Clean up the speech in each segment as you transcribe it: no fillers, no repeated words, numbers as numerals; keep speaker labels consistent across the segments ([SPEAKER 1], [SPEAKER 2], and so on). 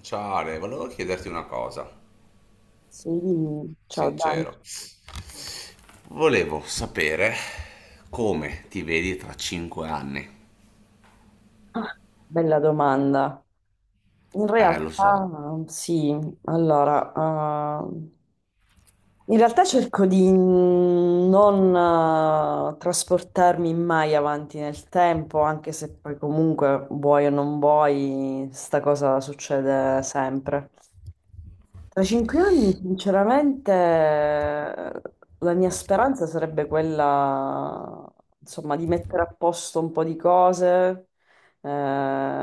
[SPEAKER 1] Ciao Ale, volevo chiederti una cosa,
[SPEAKER 2] Sì, ciao Dani,
[SPEAKER 1] sincero. Volevo sapere come ti vedi tra 5 anni.
[SPEAKER 2] bella domanda. In
[SPEAKER 1] Lo
[SPEAKER 2] realtà
[SPEAKER 1] so,
[SPEAKER 2] sì, allora, in realtà cerco di non trasportarmi mai avanti nel tempo, anche se poi comunque vuoi o non vuoi, sta cosa succede sempre. Tra 5 anni, sinceramente, la mia speranza sarebbe quella, insomma, di mettere a posto un po' di cose, eh,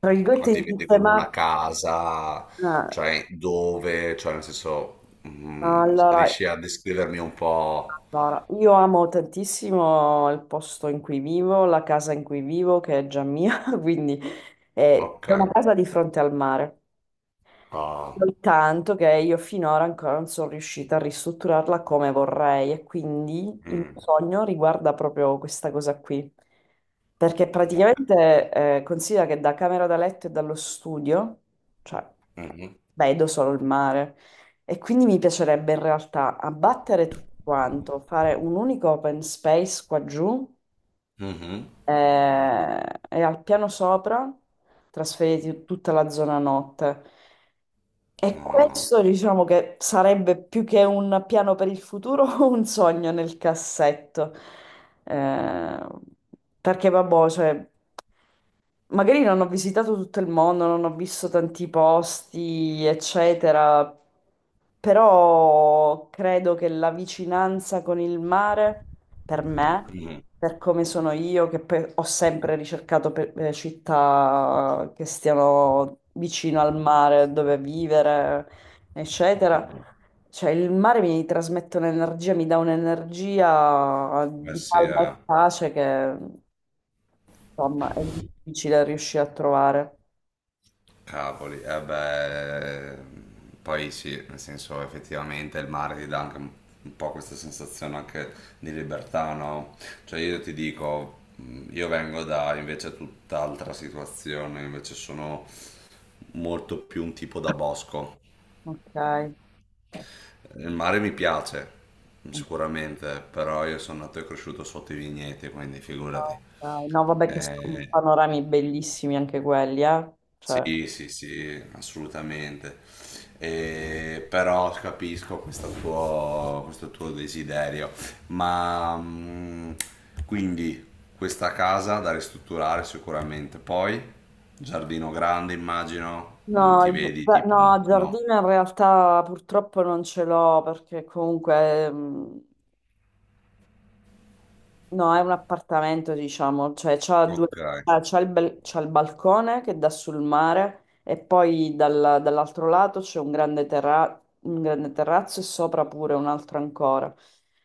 [SPEAKER 2] tra
[SPEAKER 1] ma
[SPEAKER 2] virgolette,
[SPEAKER 1] ti
[SPEAKER 2] di
[SPEAKER 1] vedi con una
[SPEAKER 2] sistemare.
[SPEAKER 1] casa,
[SPEAKER 2] eh,
[SPEAKER 1] cioè dove, cioè nel senso,
[SPEAKER 2] Allora,
[SPEAKER 1] riesci a descrivermi un po'?
[SPEAKER 2] allora, io amo tantissimo il posto in cui vivo, la casa in cui vivo, che è già mia, quindi
[SPEAKER 1] Ok.
[SPEAKER 2] è una casa di fronte al mare.
[SPEAKER 1] Ah,
[SPEAKER 2] Soltanto che io finora ancora non sono riuscita a ristrutturarla come vorrei e quindi il mio
[SPEAKER 1] mm,
[SPEAKER 2] sogno riguarda proprio questa cosa qui. Perché praticamente considera che da camera da letto e dallo studio, cioè,
[SPEAKER 1] mhm,
[SPEAKER 2] vedo solo il mare. E quindi mi piacerebbe in realtà abbattere tutto quanto, fare un unico open space qua giù
[SPEAKER 1] mhm,
[SPEAKER 2] eh, e al piano sopra trasferire tutta la zona notte. E
[SPEAKER 1] ah,
[SPEAKER 2] questo diciamo che sarebbe più che un piano per il futuro, un sogno nel cassetto. Eh, perché vabbè, cioè, magari non ho visitato tutto il mondo, non ho visto tanti posti, eccetera, però credo che la vicinanza con il mare, per me,
[SPEAKER 1] mhm.
[SPEAKER 2] per come sono io, che poi ho sempre ricercato città che stiano vicino al mare, dove vivere, eccetera. Cioè, il mare mi trasmette un'energia, mi dà un'energia
[SPEAKER 1] Eh
[SPEAKER 2] di
[SPEAKER 1] sì,
[SPEAKER 2] calma e
[SPEAKER 1] eh.
[SPEAKER 2] pace che insomma, è difficile riuscire a trovare.
[SPEAKER 1] Cavoli, eh beh, poi sì, nel senso effettivamente il mare ti dà anche un po' questa sensazione anche di libertà, no? Cioè io ti dico, io vengo da invece tutt'altra situazione, invece sono molto più un tipo da bosco.
[SPEAKER 2] Ok.
[SPEAKER 1] Il mare mi piace,
[SPEAKER 2] Ok.
[SPEAKER 1] sicuramente, però io sono nato e cresciuto sotto i vigneti, quindi figurati.
[SPEAKER 2] No, vabbè che sono
[SPEAKER 1] Eh,
[SPEAKER 2] panorami bellissimi anche quelli, eh. Cioè,
[SPEAKER 1] Sì, sì, sì, assolutamente. Però capisco questo tuo desiderio. Ma quindi questa casa da ristrutturare sicuramente. Poi, giardino grande, immagino.
[SPEAKER 2] no,
[SPEAKER 1] Ti vedi
[SPEAKER 2] beh, no, il
[SPEAKER 1] tipo, no,
[SPEAKER 2] giardino in realtà purtroppo non ce l'ho perché comunque. No, è un appartamento, diciamo, cioè c'ha due,
[SPEAKER 1] ok.
[SPEAKER 2] ah, c'ha il balcone che dà sul mare e poi dall'altro lato c'è un grande terrazzo e sopra pure un altro ancora.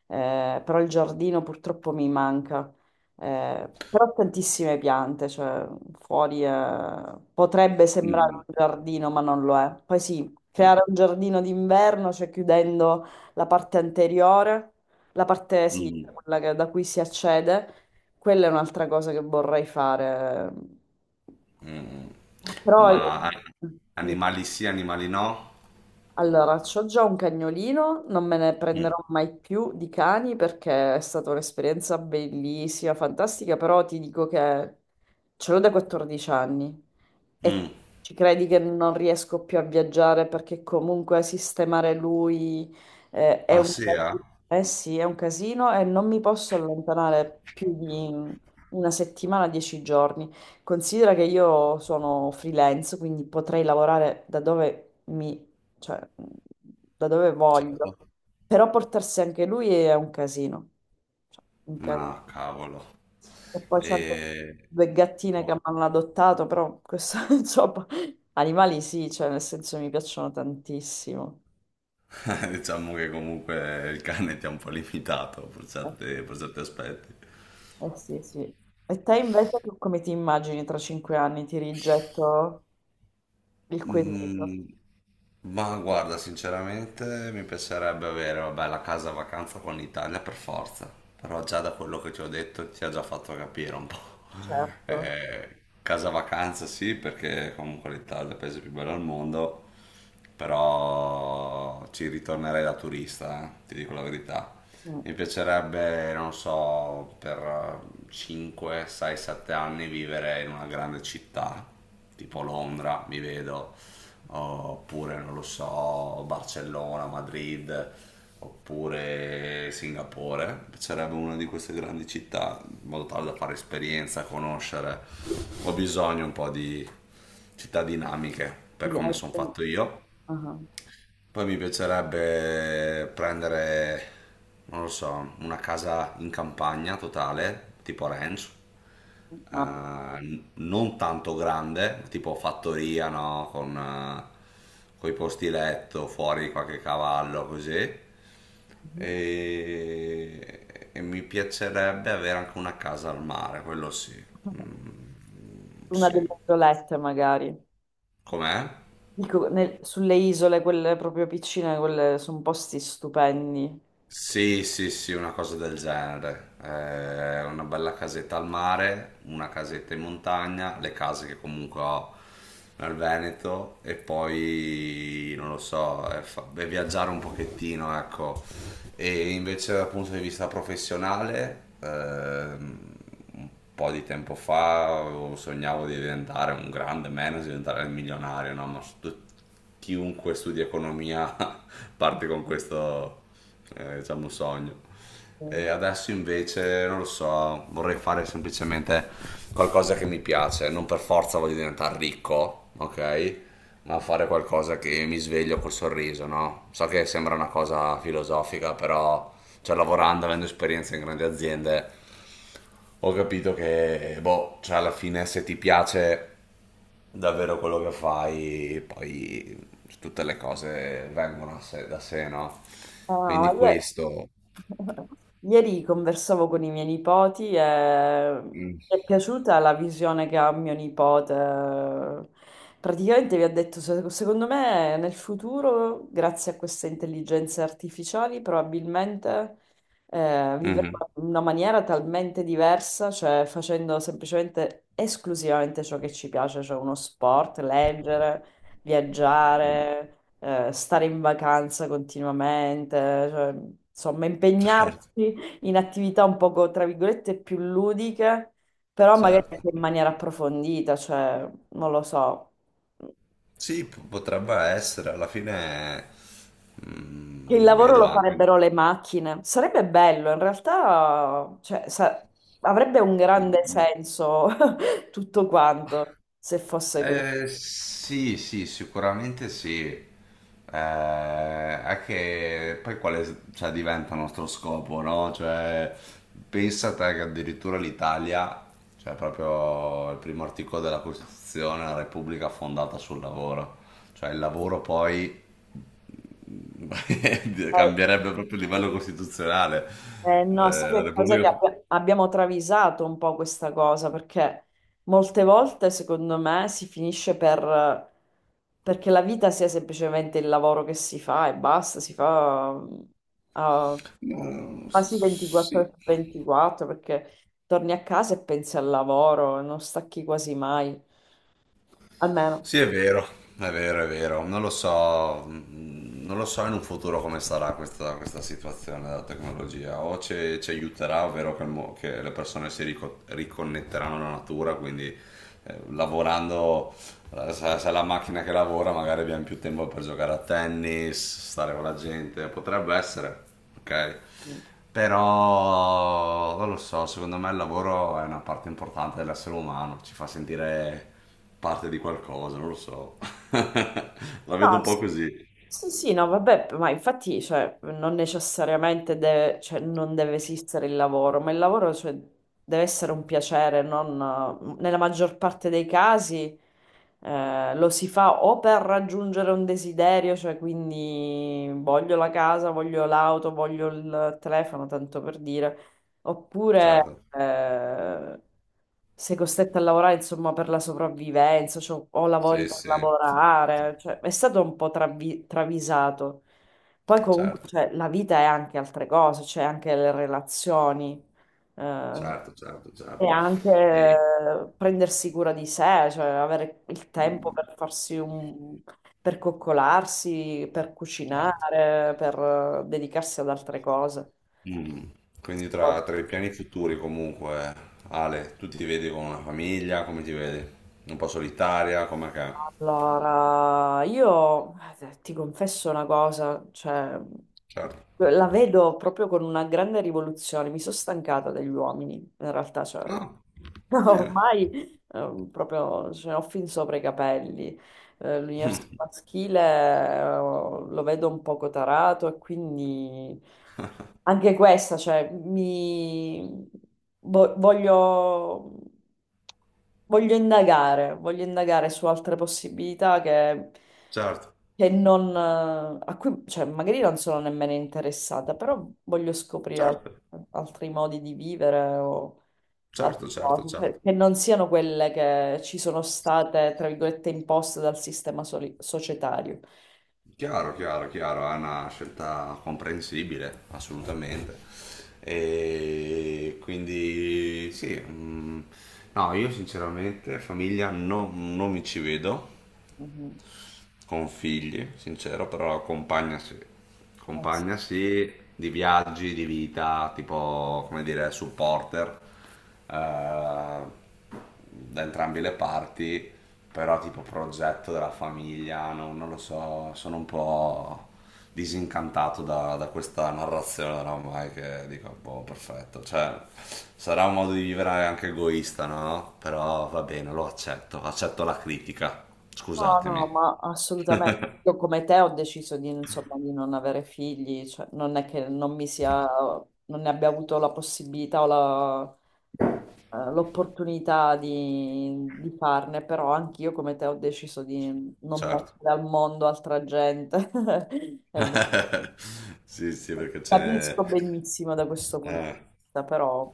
[SPEAKER 2] Però il giardino purtroppo mi manca. Però ho tantissime piante, cioè fuori potrebbe sembrare
[SPEAKER 1] Mm,
[SPEAKER 2] un giardino, ma non lo è. Poi sì,
[SPEAKER 1] mm,
[SPEAKER 2] creare un giardino d'inverno, cioè chiudendo la parte anteriore. La parte
[SPEAKER 1] mm,
[SPEAKER 2] sinistra, quella da cui si accede, quella è un'altra cosa che vorrei fare.
[SPEAKER 1] mm. Mm.
[SPEAKER 2] Però.
[SPEAKER 1] Ma
[SPEAKER 2] Dimmi.
[SPEAKER 1] animali sì, animali no?
[SPEAKER 2] Allora, c'ho già un cagnolino, non me ne prenderò
[SPEAKER 1] Mm,
[SPEAKER 2] mai più di cani perché è stata un'esperienza bellissima, fantastica, però ti dico che ce l'ho da 14 anni e
[SPEAKER 1] mm.
[SPEAKER 2] ci credi che non riesco più a viaggiare perché comunque sistemare lui è
[SPEAKER 1] Ah
[SPEAKER 2] un
[SPEAKER 1] sì, eh?
[SPEAKER 2] casino, eh sì, è un casino e non mi posso allontanare più di una settimana, 10 giorni. Considera che io sono freelance, quindi potrei lavorare mi cioè mh, da dove
[SPEAKER 1] Certo.
[SPEAKER 2] voglio. Però portarsi anche lui è un casino. Cioè, un casino.
[SPEAKER 1] No, cavolo.
[SPEAKER 2] E poi c'ho anche
[SPEAKER 1] E...
[SPEAKER 2] due gattine che mi
[SPEAKER 1] boh.
[SPEAKER 2] hanno adottato, però questo, insomma, animali sì, cioè nel senso mi piacciono tantissimo.
[SPEAKER 1] Diciamo che comunque il cane ti ha un po' limitato per
[SPEAKER 2] Eh
[SPEAKER 1] certi, per certi aspetti.
[SPEAKER 2] sì, eh sì. Sì. E te invece tu come ti immagini tra 5 anni? Ti rigetto il quesito,
[SPEAKER 1] Mm, ma guarda, sinceramente mi piacerebbe avere, vabbè, la casa vacanza con l'Italia per forza. Però già da quello che ti ho detto ti ha già fatto capire un po'.
[SPEAKER 2] certo.
[SPEAKER 1] Eh, casa vacanza sì, perché comunque l'Italia è il paese più bello al mondo. Però ci ritornerei da turista, ti dico la verità.
[SPEAKER 2] Mm.
[SPEAKER 1] Mi piacerebbe, non so, per 5, 6, 7 anni vivere in una grande città, tipo Londra, mi vedo, oppure non lo so, Barcellona, Madrid, oppure Singapore. Mi piacerebbe una di queste grandi città, in modo tale da fare esperienza, conoscere. Ho bisogno un po' di città dinamiche per
[SPEAKER 2] Yeah, I
[SPEAKER 1] come sono
[SPEAKER 2] think-
[SPEAKER 1] fatto io.
[SPEAKER 2] ah, ah.
[SPEAKER 1] Poi mi piacerebbe prendere, non lo so, una casa in campagna totale, tipo ranch,
[SPEAKER 2] Ma-
[SPEAKER 1] non tanto grande, tipo fattoria, no? Con, coi posti letto, fuori qualche cavallo, così.
[SPEAKER 2] Mhm.
[SPEAKER 1] E mi piacerebbe avere anche una casa al mare, quello sì. Mm,
[SPEAKER 2] Una
[SPEAKER 1] sì.
[SPEAKER 2] delle violette magari.
[SPEAKER 1] Com'è?
[SPEAKER 2] Dico, sulle isole, quelle proprio piccine, quelle sono posti stupendi.
[SPEAKER 1] Sì, sì, sì, una cosa del genere. Una bella casetta al mare, una casetta in montagna, le case che comunque ho nel Veneto e poi, non lo so, beh, viaggiare un pochettino, ecco. E invece dal punto di vista professionale, un po' di tempo fa sognavo di diventare un grande manager, diventare il milionario, no? Ma chiunque studi economia parte con questo, diciamo, sogno. E
[SPEAKER 2] Mm.
[SPEAKER 1] adesso invece, non lo so, vorrei fare semplicemente qualcosa che mi piace, non per forza voglio diventare ricco, ok? Ma fare qualcosa che mi sveglio col sorriso, no? So che sembra una cosa filosofica, però, cioè, lavorando, avendo esperienza in grandi aziende ho capito che, boh, cioè alla fine se ti piace davvero quello che fai, poi tutte le cose vengono a da sé, no?
[SPEAKER 2] Ah,
[SPEAKER 1] Quindi questo...
[SPEAKER 2] Ieri conversavo con i miei nipoti e mi è piaciuta la visione che ha mio nipote. Praticamente mi ha detto, Secondo me nel futuro, grazie a queste intelligenze artificiali, probabilmente vivremo
[SPEAKER 1] Mhm.
[SPEAKER 2] in una maniera talmente diversa, cioè facendo semplicemente esclusivamente ciò che ci piace, cioè uno sport, leggere, viaggiare stare in vacanza continuamente, cioè, insomma,
[SPEAKER 1] Certo,
[SPEAKER 2] impegnarsi in attività un poco, tra virgolette, più ludiche, però magari
[SPEAKER 1] certo.
[SPEAKER 2] anche in maniera approfondita, cioè, non lo so.
[SPEAKER 1] Sì, potrebbe essere, alla fine
[SPEAKER 2] Che il lavoro
[SPEAKER 1] vedo
[SPEAKER 2] lo
[SPEAKER 1] anche...
[SPEAKER 2] farebbero le macchine. Sarebbe bello, in realtà, cioè, avrebbe un grande
[SPEAKER 1] Mm.
[SPEAKER 2] senso tutto quanto se fosse così.
[SPEAKER 1] Sì, sì, sicuramente sì. È che poi quale cioè, diventa il nostro scopo, no? Cioè, pensa te che addirittura l'Italia, cioè proprio il primo articolo della Costituzione, è la Repubblica fondata sul lavoro. Cioè il lavoro poi
[SPEAKER 2] Eh,
[SPEAKER 1] cambierebbe proprio il livello costituzionale.
[SPEAKER 2] no,
[SPEAKER 1] La
[SPEAKER 2] sai che cosa che
[SPEAKER 1] Repubblica...
[SPEAKER 2] abbiamo travisato un po' questa cosa, perché molte volte, secondo me, si finisce per, perché la vita sia semplicemente il lavoro che si fa e basta, si fa a
[SPEAKER 1] No,
[SPEAKER 2] quasi 24 ore
[SPEAKER 1] sì.
[SPEAKER 2] su 24, perché torni a casa e pensi al lavoro, non stacchi quasi mai, almeno.
[SPEAKER 1] Sì, è vero, è vero, è vero. Non lo so, non lo so in un futuro come sarà questa, questa situazione della tecnologia. O ci aiuterà, ovvero che, che le persone riconnetteranno alla natura, quindi lavorando allora, se è la macchina che lavora magari abbiamo più tempo per giocare a tennis, stare con la gente, potrebbe essere, ok?
[SPEAKER 2] Mm.
[SPEAKER 1] Però non lo so, secondo me il lavoro è una parte importante dell'essere umano, ci fa sentire parte di qualcosa, non lo so. La vedo
[SPEAKER 2] No,
[SPEAKER 1] un po' così,
[SPEAKER 2] sì, sì, no, vabbè, ma infatti, cioè, non necessariamente deve, cioè, non deve esistere il lavoro, ma il lavoro, cioè, deve essere un piacere, non, nella maggior parte dei casi, lo si fa o per raggiungere un desiderio, cioè, quindi voglio la casa, voglio l'auto, voglio il telefono, tanto per dire. Oppure
[SPEAKER 1] certo.
[SPEAKER 2] sei costretta a lavorare, insomma, per la sopravvivenza, cioè, o lavori
[SPEAKER 1] Sì,
[SPEAKER 2] per
[SPEAKER 1] sì,
[SPEAKER 2] lavorare, cioè, è stato un po' travisato. Poi comunque,
[SPEAKER 1] certo,
[SPEAKER 2] cioè, la vita è anche altre cose, c'è anche le relazioni, eh,
[SPEAKER 1] certo, certo,
[SPEAKER 2] e
[SPEAKER 1] certo.
[SPEAKER 2] anche
[SPEAKER 1] E...
[SPEAKER 2] prendersi cura di sé, cioè avere il tempo
[SPEAKER 1] mm,
[SPEAKER 2] per farsi un, per coccolarsi, per
[SPEAKER 1] certo.
[SPEAKER 2] cucinare, per dedicarsi ad altre cose.
[SPEAKER 1] Mm. Quindi tra i piani futuri comunque, Ale, tu ti vedi con una famiglia, come ti vedi? Un po' solitaria, come che?
[SPEAKER 2] Allora, io ti confesso una cosa, cioè,
[SPEAKER 1] Certo.
[SPEAKER 2] la vedo proprio con una grande rivoluzione. Mi sono stancata degli uomini, in realtà, cioè,
[SPEAKER 1] No, bene,
[SPEAKER 2] ormai proprio ce ne ho fin sopra i capelli. L'universo maschile lo vedo un poco tarato e quindi anche questa, cioè, mi vo- voglio, voglio indagare su altre possibilità che,
[SPEAKER 1] certo,
[SPEAKER 2] che non, a cui, cioè, magari non sono nemmeno interessata, però voglio scoprire
[SPEAKER 1] certo,
[SPEAKER 2] altri modi di vivere o a
[SPEAKER 1] certo, certo,
[SPEAKER 2] proposito, cioè,
[SPEAKER 1] certo.
[SPEAKER 2] che non siano quelle che ci sono state, tra virgolette, imposte dal sistema societario.
[SPEAKER 1] Chiaro, chiaro, chiaro, è una scelta comprensibile, assolutamente. E quindi sì, no, io sinceramente famiglia non mi ci vedo.
[SPEAKER 2] Mhm.
[SPEAKER 1] Con figli, sincero, però compagna sì.
[SPEAKER 2] Eh sì.
[SPEAKER 1] Compagna sì, di viaggi, di vita, tipo, come dire, supporter eh, da entrambe le parti, però tipo progetto della famiglia, non lo so, sono un po' disincantato da questa narrazione oramai che dico, boh, perfetto, cioè sarà un modo di vivere anche egoista, no? Però va bene, lo accetto, accetto la critica,
[SPEAKER 2] No, no,
[SPEAKER 1] scusatemi.
[SPEAKER 2] ma assolutamente. Io come te ho deciso di, insomma, di non avere figli, cioè, non è che non mi sia, non ne abbia avuto la possibilità o l'opportunità di farne, però anch'io come te ho deciso di non
[SPEAKER 1] Certo.
[SPEAKER 2] mettere al mondo altra gente. E
[SPEAKER 1] Sì, sì, perché ce n'è.
[SPEAKER 2] capisco benissimo da questo punto di
[SPEAKER 1] Eh,
[SPEAKER 2] vista, però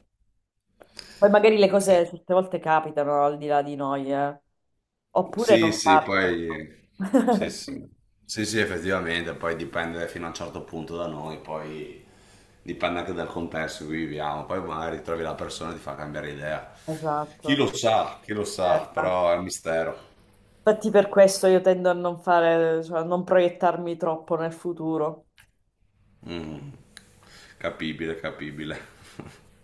[SPEAKER 2] poi magari le
[SPEAKER 1] eh,
[SPEAKER 2] cose certe volte capitano al di là di noi, eh. Oppure non
[SPEAKER 1] sì, sì, poi sì,
[SPEAKER 2] capitano.
[SPEAKER 1] sì. Sì, sì, effettivamente, poi dipende fino a un certo punto da noi, poi dipende anche dal contesto in cui viviamo, poi magari trovi la persona e ti fa cambiare idea.
[SPEAKER 2] Esatto,
[SPEAKER 1] Chi lo sa,
[SPEAKER 2] esatto.
[SPEAKER 1] però è un mistero.
[SPEAKER 2] Infatti per questo io tendo a non fare, cioè a non proiettarmi troppo nel futuro.
[SPEAKER 1] Mm. Capibile, capibile.